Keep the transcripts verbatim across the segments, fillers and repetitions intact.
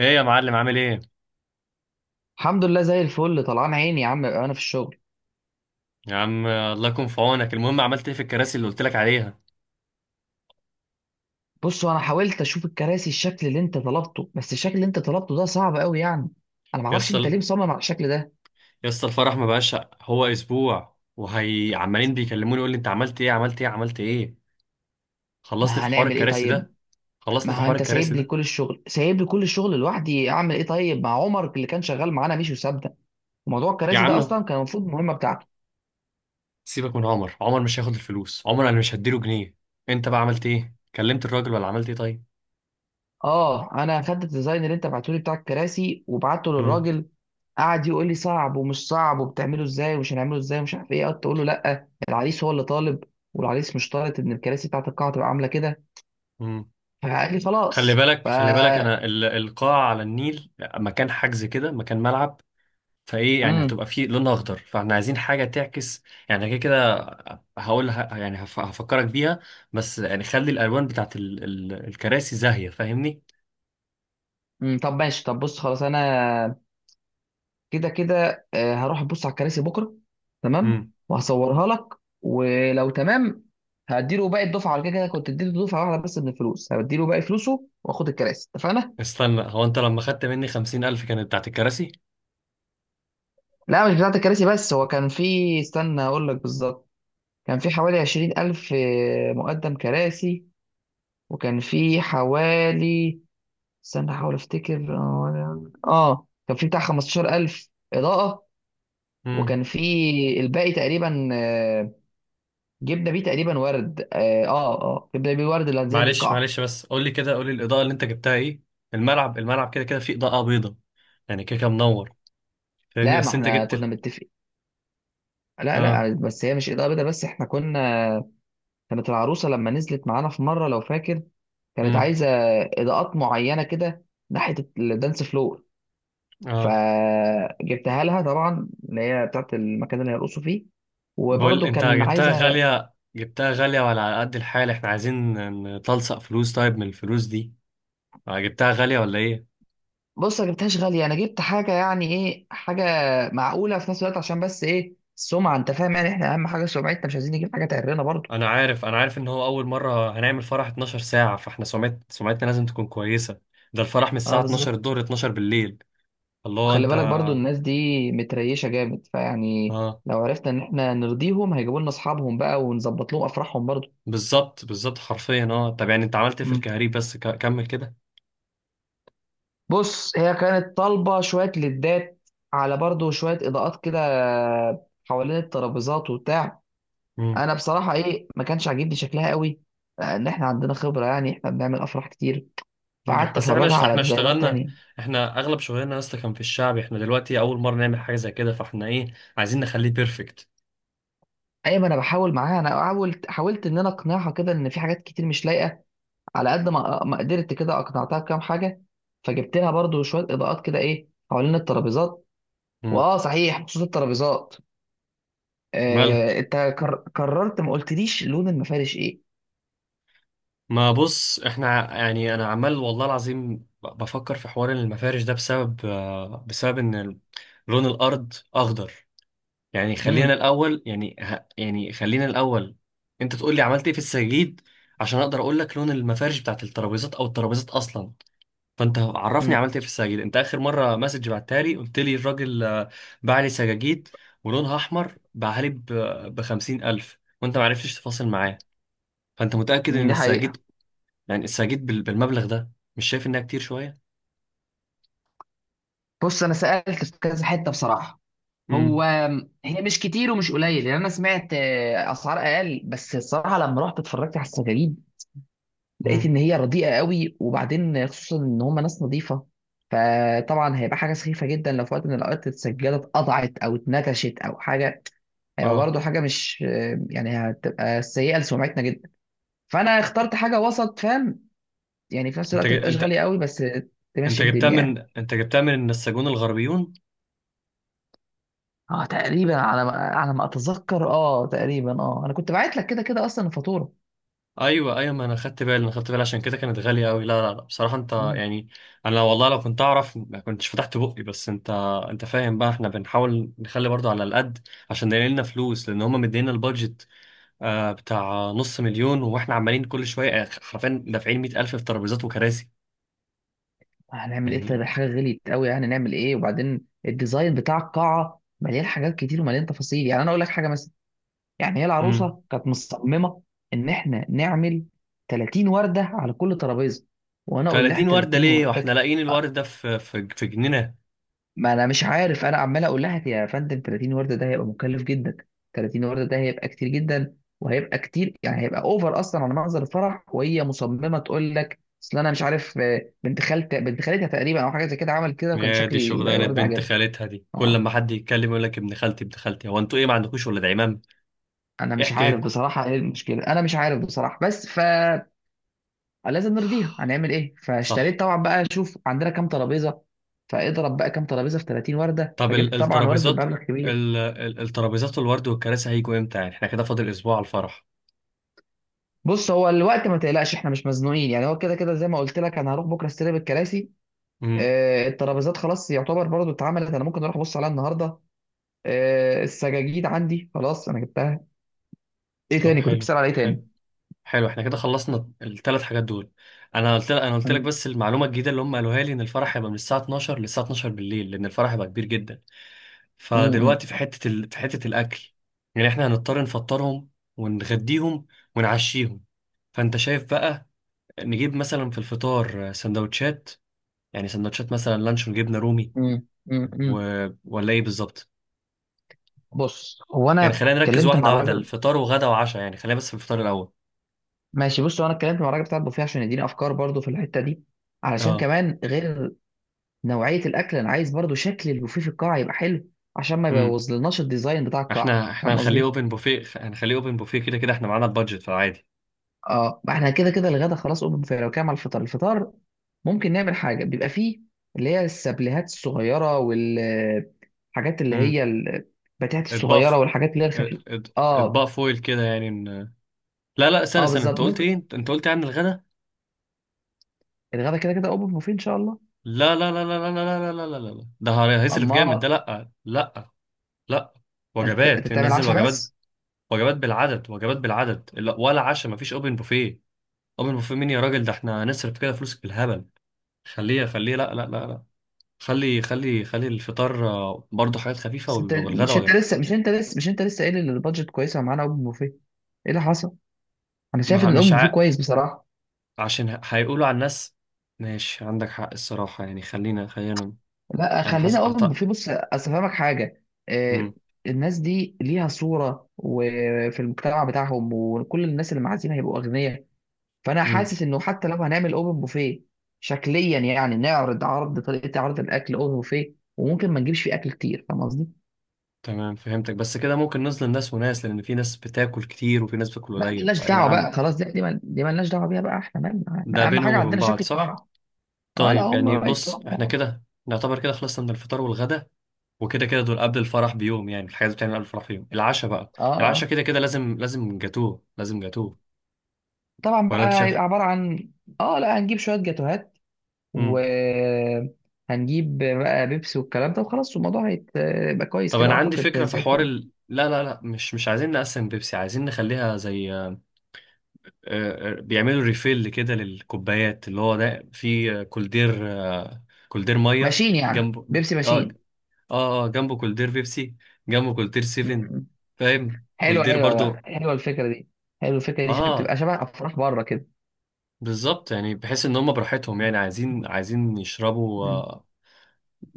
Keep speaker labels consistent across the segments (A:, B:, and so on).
A: ايه يا معلم عامل ايه؟
B: الحمد لله زي الفل، طلعان عيني يا عم انا في الشغل.
A: يا عم الله يكون في عونك. المهم عملت ايه في الكراسي اللي قلت لك عليها؟
B: بص، انا حاولت اشوف الكراسي الشكل اللي انت طلبته، بس الشكل اللي انت طلبته ده صعب قوي يعني. انا ما
A: يا
B: اعرفش انت
A: اسطى،
B: ليه مصمم على الشكل ده.
A: يا اسطى الفرح ما بقاش هو اسبوع، وهي عمالين بيكلموني يقول لي انت عملت ايه، عملت ايه، عملت ايه. خلصني
B: ما
A: في حوار
B: هنعمل ايه
A: الكراسي ده
B: طيب؟
A: خلصني
B: ما
A: في
B: هو
A: حوار
B: انت
A: الكراسي
B: سايب لي
A: ده.
B: كل الشغل، سايب لي كل الشغل لوحدي، اعمل ايه طيب؟ مع عمر اللي كان شغال معانا مش وسابنا. موضوع
A: يا
B: الكراسي ده
A: عم
B: اصلا كان المفروض مهمه بتاعته.
A: سيبك من عمر، عمر مش هياخد الفلوس، عمر انا مش هديله جنيه. انت بقى عملت ايه؟ كلمت الراجل ولا عملت ايه طيب؟
B: اه، انا اخدت الديزاين اللي انت بعته لي بتاع الكراسي وبعته
A: امم
B: للراجل. قعد يقول لي صعب ومش صعب وبتعمله ازاي ومش هنعمله ازاي ومش عارف ايه، قعدت اقول له لا، العريس هو اللي طالب. والعريس مش طالب ان الكراسي بتاعت القاعه تبقى عامله كده.
A: امم
B: فقال لي
A: خلي
B: خلاص
A: بالك،
B: ف
A: خلي بالك انا ال- القاعه على النيل، مكان حجز كده، مكان ملعب، فايه يعني
B: امم
A: هتبقى في لونها اخضر، فاحنا عايزين حاجه تعكس يعني كده كده. هقول ه- يعني هف- هفكرك بيها، بس يعني خلي الالوان بتاعت ال ال الكراسي زاهيه، فاهمني؟
B: أمم، طب ماشي، طب بص خلاص انا كده كده آه، هروح ابص على الكراسي بكره.
A: امم.
B: تمام، وهصورها لك. ولو تمام، هديله باقي الدفعه على كده، كده كنت اديته دفعه واحده بس، من الفلوس هديله باقي فلوسه واخد الكراسي، اتفقنا؟
A: استنى، هو انت لما خدت مني خمسين الف كانت بتاعت الكراسي؟
B: لا، مش بتاعت الكراسي، بس هو كان في. استنى اقول لك بالظبط. كان في حوالي عشرين ألف مقدم كراسي. وكان في حوالي، استنى احاول افتكر. اه، كان في بتاع خمستاشر ألف إضاءة.
A: امم.
B: وكان في الباقي تقريبا، آه، جبنا بيه تقريبا ورد، اه اه آه، جبنا بيه ورد اللي هنزين بيه
A: معلش،
B: القاعة.
A: معلش بس قول لي كده، قول لي الاضاءه اللي انت جبتها ايه. الملعب، الملعب كده كده فيه اضاءه بيضاء، يعني كده كده منور فاهمني،
B: لا، ما
A: بس انت
B: احنا
A: جبت
B: كنا
A: ال،
B: متفقين. لا،
A: اه.
B: لا، بس هي مش إضاءة بيضاء، بس احنا كنا. كانت العروسة لما نزلت معانا في مرة، لو فاكر، كانت
A: امم.
B: عايزه اضاءات معينه كده، ناحيه الدانس فلور.
A: اه.
B: فجبتها لها طبعا، اللي هي بتاعت المكان اللي هيرقصوا فيه.
A: بقول
B: وبرضه
A: انت
B: كان
A: جبتها
B: عايزه.
A: غاليه، جبتها غالية وعلى قد الحال احنا عايزين نتلصق فلوس طيب من الفلوس دي، آه، جبتها غالية ولا ايه؟
B: بص، ما جبتهاش غاليه، انا جبت حاجه، يعني ايه، حاجه معقوله في نفس الوقت، عشان بس ايه، السمعه، انت فاهم يعني، احنا اهم حاجه سمعتنا، مش عايزين نجيب حاجه تعرنا برضه.
A: انا عارف، انا عارف ان هو اول مرة هنعمل فرح اثنا عشر ساعة، فاحنا سمعت سمعتنا لازم تكون كويسة. ده الفرح من
B: اه،
A: الساعة اتناشر
B: بالظبط.
A: الظهر اتناشر بالليل. الله
B: وخلي
A: انت.
B: بالك برضه، الناس دي متريشه جامد، فيعني
A: اه
B: لو عرفنا ان احنا نرضيهم، هيجيبوا لنا اصحابهم بقى، ونظبط لهم افراحهم برضه.
A: بالظبط، بالظبط حرفيا. اه طب يعني انت عملت إيه في الكهريب؟ بس ك... كمل كده.
B: بص، هي كانت طالبة شوية لدات، على برضو شوية إضاءات كده حوالين الترابيزات وبتاع.
A: امم.
B: أنا بصراحة إيه، ما كانش عاجبني شكلها قوي، لأن إحنا عندنا خبرة، يعني إحنا بنعمل أفراح كتير. فقعدت
A: بس احنا
B: أفرجها
A: ش...
B: على
A: احنا
B: ديزاينات
A: اشتغلنا،
B: تانية.
A: احنا اغلب شغلنا اصلا كان في الشعب، احنا دلوقتي اول مرة نعمل حاجة زي كده، فاحنا ايه عايزين نخليه بيرفكت.
B: أي ما أنا بحاول معاها، أنا حاولت حاولت إن أنا أقنعها كده، إن في حاجات كتير مش لايقة. على قد ما آه، ما قدرت كده أقنعتها بكام حاجة. فجبت لها برضو شوية إضاءات كده، إيه، حوالين الترابيزات.
A: امم.
B: وآه صحيح، بخصوص الترابيزات،
A: مالها؟
B: آه، انت كر- كررت، ما قلتليش لون المفارش ايه؟
A: ما بص احنا ع- يعني انا عمال والله العظيم ب- بفكر في حوار المفارش ده بسبب، آه، بسبب ان ال- لون الارض اخضر. يعني خلينا
B: امم.
A: الاول، يعني ه- يعني خلينا الاول انت تقول لي عملت ايه في السجاجيد عشان اقدر اقول لك لون المفارش بتاعت الترابيزات او الترابيزات اصلا. فانت عرفني
B: امم.
A: عملت ايه في السجاجيد، انت اخر مره مسج بعتها لي قلت لي الراجل آه، باع لي سجاجيد ولونها احمر، باعها لي ب خمسين الف، وانت ما عرفتش تفاصل معاه. فانت متاكد
B: مم،
A: ان
B: دي حقيقة.
A: السجاجيد يعني لسه جيت بال- بالمبلغ ده؟ مش شايف انها كتير شويه؟
B: بص، أنا سألت في كذا حتة بصراحة. هو،
A: امم.
B: هي مش كتير ومش قليل، يعني أنا سمعت آه، أسعار أقل، بس الصراحة لما رحت اتفرجت على السجاجيد لقيت
A: امم.
B: إن هي رديئة قوي، وبعدين خصوصا إن هم ناس نظيفة. فطبعا هيبقى حاجة سخيفة جدا لو في وقت من الأوقات السجادة اتقطعت أو اتنكشت أو حاجة. هيبقى
A: اه.
B: برضه حاجة مش، آه، يعني هتبقى سيئة لسمعتنا جدا. فأنا اخترت حاجة وسط، فاهم؟ يعني في نفس
A: انت
B: الوقت ما
A: جي...
B: تبقاش
A: انت
B: غالية قوي، بس
A: انت
B: تمشي
A: جبتها
B: الدنيا
A: من
B: يعني.
A: انت جبتها من النساجون الغربيون؟
B: اه تقريبا، على ما على ما اتذكر، اه تقريبا، اه انا كنت بعت لك كده كده اصلا الفاتوره.
A: ايوه، ايوه، ما انا خدت بالي، انا خدت بالي عشان كده كانت غاليه قوي. لا لا لا بصراحه انت
B: مم.
A: يعني، انا والله لو كنت اعرف ما كنتش فتحت بقي. بس انت، انت فاهم بقى احنا بنحاول نخلي برضو على القد عشان يلاقي لنا فلوس، لان هم مدينا البادجت آه بتاع نص مليون، واحنا عمالين كل شويه آه، حرفيا دافعين مية الف في ترابيزات وكراسي.
B: هنعمل ايه طيب؟
A: يعني.
B: الحاجه غليت قوي، يعني نعمل ايه؟ وبعدين الديزاين بتاع القاعه مليان حاجات كتير ومليان تفاصيل، يعني انا اقول لك حاجه مثلا. يعني هي
A: امم.
B: العروسه كانت مصممه ان احنا نعمل ثلاثين ورده على كل ترابيزه، وانا اقول لها
A: تلاتين وردة
B: ثلاثين
A: ليه
B: ورده.
A: واحنا لاقيين الورد ده في في في جنينة؟
B: ما انا مش عارف، انا عمال اقول لها يا فندم ثلاثين ورده ده هيبقى مكلف جدا، ثلاثين ورده ده هيبقى كتير جدا، وهيبقى كتير يعني هيبقى اوفر اصلا على منظر الفرح، وهي مصممه تقول لك اصل انا مش عارف، آه، بنت خالت بنت خالتها تقريبا، او حاجه زي كده عمل كده، وكان
A: يا
B: شكل
A: دي شغلانة
B: الورد
A: بنت
B: عجبني.
A: خالتها دي، كل
B: اه،
A: ما حد يتكلم يقول لك ابن خالتي، ابن خالتي، هو انتوا ايه ما عندكوش ولاد عمام؟
B: انا
A: ايه
B: مش عارف
A: حكايتكم؟
B: بصراحه ايه المشكله، انا مش عارف بصراحه، بس فلازم نرضيها، هنعمل ايه؟
A: صح.
B: فاشتريت طبعا بقى، شوف عندنا كام ترابيزه، فاضرب بقى كام ترابيزه في ثلاثين ورده،
A: طب ال-
B: فجبت طبعا ورده
A: الترابيزات،
B: بمبلغ كبير.
A: ال- ال- الترابيزات والورد والكراسي هيجوا امتى يعني؟ احنا كده فاضل اسبوع على الفرح.
B: بص، هو الوقت ما تقلقش، احنا مش مزنوقين يعني، هو كده كده زي ما قلت لك، انا هروح بكره استلم الكراسي.
A: امم.
B: آه، الترابيزات خلاص يعتبر برضو اتعملت، انا ممكن اروح ابص عليها النهارده. آه، السجاجيد عندي خلاص، انا جبتها. ايه
A: طب
B: تاني كنت
A: حلو،
B: بتسأل على، ايه
A: حلو،
B: تاني؟
A: حلو احنا كده خلصنا الثلاث حاجات دول. انا قلت لك، انا قلت لك
B: مم.
A: بس المعلومة الجديدة اللي هم قالوها لي ان الفرح هيبقى من الساعة اتناشر للساعة اتناشر بالليل لان الفرح هيبقى كبير جدا.
B: مم.
A: فدلوقتي في حتة ال... في حتة الأكل، يعني إحنا هنضطر نفطرهم ونغديهم ونعشيهم. فأنت شايف بقى نجيب مثلا في الفطار سندوتشات، يعني سندوتشات مثلا لانشون، جبنة رومي،
B: مم. مم.
A: و...
B: مم.
A: ولا إيه بالظبط؟
B: بص، هو
A: يعني
B: انا
A: خلينا نركز
B: اتكلمت مع
A: واحدة واحدة،
B: الراجل.
A: الفطار وغدا وعشاء، يعني خلينا بس في الفطار الأول.
B: ماشي، بص، هو انا اتكلمت مع الراجل بتاع البوفيه عشان يديني افكار برضو في الحته دي، علشان
A: اه.
B: كمان غير نوعيه الاكل، انا عايز برضو شكل البوفيه في القاعه يبقى حلو، عشان ما
A: امم.
B: يبوظ لناش الديزاين بتاع القاعه،
A: احنا احنا
B: فاهم
A: هنخليه
B: قصدي؟
A: اوبن بوفيه، هنخليه اوبن بوفيه كده كده احنا معانا البادجت في العادي.
B: اه، ما احنا كده كده الغدا خلاص اوبن فاير، لو كده على الفطار الفطار ممكن نعمل حاجه بيبقى فيه اللي هي السبليهات الصغيره، والحاجات اللي
A: امم.
B: هي البتاعات
A: اطباق ف-
B: الصغيره، والحاجات اللي هي
A: اط-
B: الخفيفه.
A: اط-
B: اه.
A: اطباق فويل كده، يعني إن... لا لا استنى،
B: اه،
A: استنى انت
B: بالظبط
A: قلت
B: ممكن.
A: ايه؟ انت أنت قلت عن الغدا؟
B: الغدا كده كده اوبن بوفيه ان شاء الله.
A: لا لا لا لا لا لا لا لا لا لا لا. ده هي- هيصرف جامد ده،
B: اما
A: لا لا لا.
B: انت انت
A: وجبات،
B: بتعمل
A: ننزل
B: عشاء
A: وجبات،
B: بس؟
A: وجبات بالعدد، وجبات بالعدد لا ولا عشاء، مفيش اوبن بوفيه. اوبن بوفيه مين يا راجل، ده احنا هنصرف كده فلوس بالهبل. خليه، خليه لا لا لا لا. خلي، خلي خلي الفطار آه، برضه حاجات خفيفة،
B: بس انت
A: وال- والغدا
B: مش انت
A: وجبات.
B: لسه مش انت لسه مش انت لسه قايل ان البادجت كويسه معانا، اوبن بوفيه ايه اللي حصل؟ انا
A: ما
B: شايف
A: ه-
B: ان
A: مش
B: الاوبن بوفيه
A: ع...
B: كويس بصراحه.
A: عشان ه- هيقولوا على الناس. ماشي عندك حق الصراحة، يعني خلينا، خلينا
B: لا،
A: انا حاسس.
B: خلينا اوبن في، بص اصل فاهمك حاجه. آه، الناس دي ليها صوره، وفي المجتمع بتاعهم وكل الناس اللي معازيم هيبقوا اغنياء. فانا
A: أعط...
B: حاسس انه حتى لو هنعمل اوبن بوفيه شكليا، يعني نعرض عرض طريقه عرض الاكل اوبن بوفيه، وممكن ما نجيبش فيه اكل كتير، فاهم قصدي؟
A: تمام فهمتك، بس كده ممكن نظلم ناس وناس، لأن في ناس بتاكل كتير وفي ناس بتاكل
B: لا،
A: قليل،
B: ملناش
A: فإيه
B: دعوه
A: العم
B: بقى خلاص، دي دي مل- دي ملناش دعوه بيها بقى، احنا مالنا،
A: ده
B: احنا اهم
A: بينهم
B: حاجه
A: وبين
B: عندنا
A: بعض؟
B: شكل
A: صح؟
B: الطرح. اه لا،
A: طيب يعني
B: هم بقى
A: بص احنا
B: يتصوروا.
A: كده نعتبر كده خلصنا من الفطار والغدا، وكده كده دول قبل الفرح بيوم، يعني الحاجات اللي بتعمل قبل الفرح بيوم. العشاء بقى، العشاء
B: اه
A: كده كده لازم، لازم جاتوه، لازم جاتوه
B: طبعا
A: ولا انت
B: بقى،
A: شايف؟
B: هيبقى عباره عن، اه لا، هنجيب شويه جاتوهات،
A: امم.
B: وهنجيب بقى بيبسي والكلام ده، وخلاص الموضوع هيبقى كويس
A: طب
B: كده
A: انا عندي
B: اعتقد،
A: فكرة في
B: زي
A: حوار
B: الفل.
A: ال... لا لا لا، مش مش عايزين نقسم بيبسي، عايزين نخليها زي آه، آه، بيعملوا ريفيل كده للكوبايات، اللي هو ده في كولدير آه، كولدير ميه
B: ماشيين يعني،
A: جنبه.
B: بيبسي
A: اه.
B: ماشيين.
A: اه، اه جنبه كولدير بيبسي، جنبه كولدير
B: م-
A: سيفن،
B: م.
A: فاهم؟
B: حلوه،
A: كولدير
B: حلوه بقى.
A: برضو.
B: حلوه الفكره دي، حلوه الفكره دي شبه-
A: اه
B: بتبقى شبه افراح بره كده.
A: بالظبط، يعني بحيث ان هم براحتهم يعني عايزين، عايزين يشربوا
B: م.
A: آه،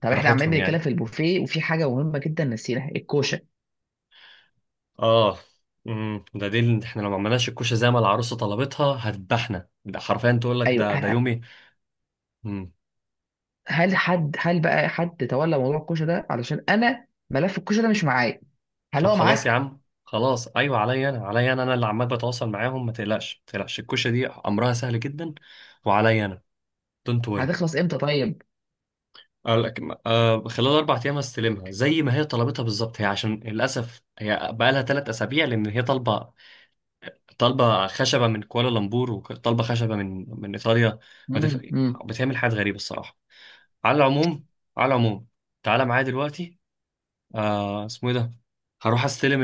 B: طب احنا عمالين
A: براحتهم
B: بنتكلم
A: يعني.
B: في البوفيه وفي حاجه مهمه جدا نسيناها، الكوشه.
A: اه. امم. ده دليل ان احنا لو ما عملناش الكوشه زي ما العروسه طلبتها هتذبحنا، ده حرفيا تقول لك
B: ايوه،
A: ده ده
B: ه-
A: يومي.
B: هل حد هل بقى حد تولى موضوع الكوشه ده، علشان انا ملف الكوشه ده مش معايا، هل
A: طب
B: هو
A: خلاص يا
B: معاك؟
A: عم، خلاص ايوه عليا انا، عليا انا انا اللي عمال بتواصل معاهم، ما تقلقش، ما تقلقش الكوشه دي امرها سهل جدا وعليا انا. دونت وري.
B: هتخلص امتى طيب؟
A: آه خلال اربع ايام هستلمها زي ما هي طلبتها بالظبط، هي عشان للاسف هي بقالها ثلاث اسابيع لان هي طالبه، طالبه خشبه من كوالالمبور، وطالبه خشبه من من ايطاليا. ما تف...
B: امم.
A: بتعمل حاجات غريبه الصراحه. على العموم، على العموم تعالى معايا دلوقتي. آه اسمه ايه ده، هروح استلم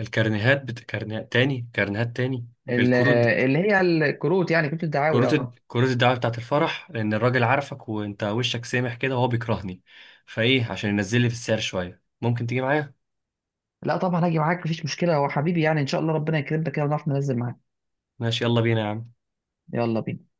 A: الكارنيهات بت... كارنيهات تاني، كارنيهات تاني
B: ال-
A: الكروت بت...
B: اللي هي الكروت، يعني كروت الدعاوي،
A: كروت ال-
B: اه.
A: كروت الدعوة بتاعت الفرح، لأن الراجل عارفك وأنت وشك سامح كده، وهو بيكرهني، فإيه عشان ينزل لي في السعر شوية ممكن تيجي معايا؟
B: لا طبعا هاجي معاك، مفيش مشكله، هو حبيبي يعني، ان شاء الله ربنا يكرمنا كده ونعرف ننزل معاك.
A: ماشي يلا بينا يا عم.
B: يلا بينا.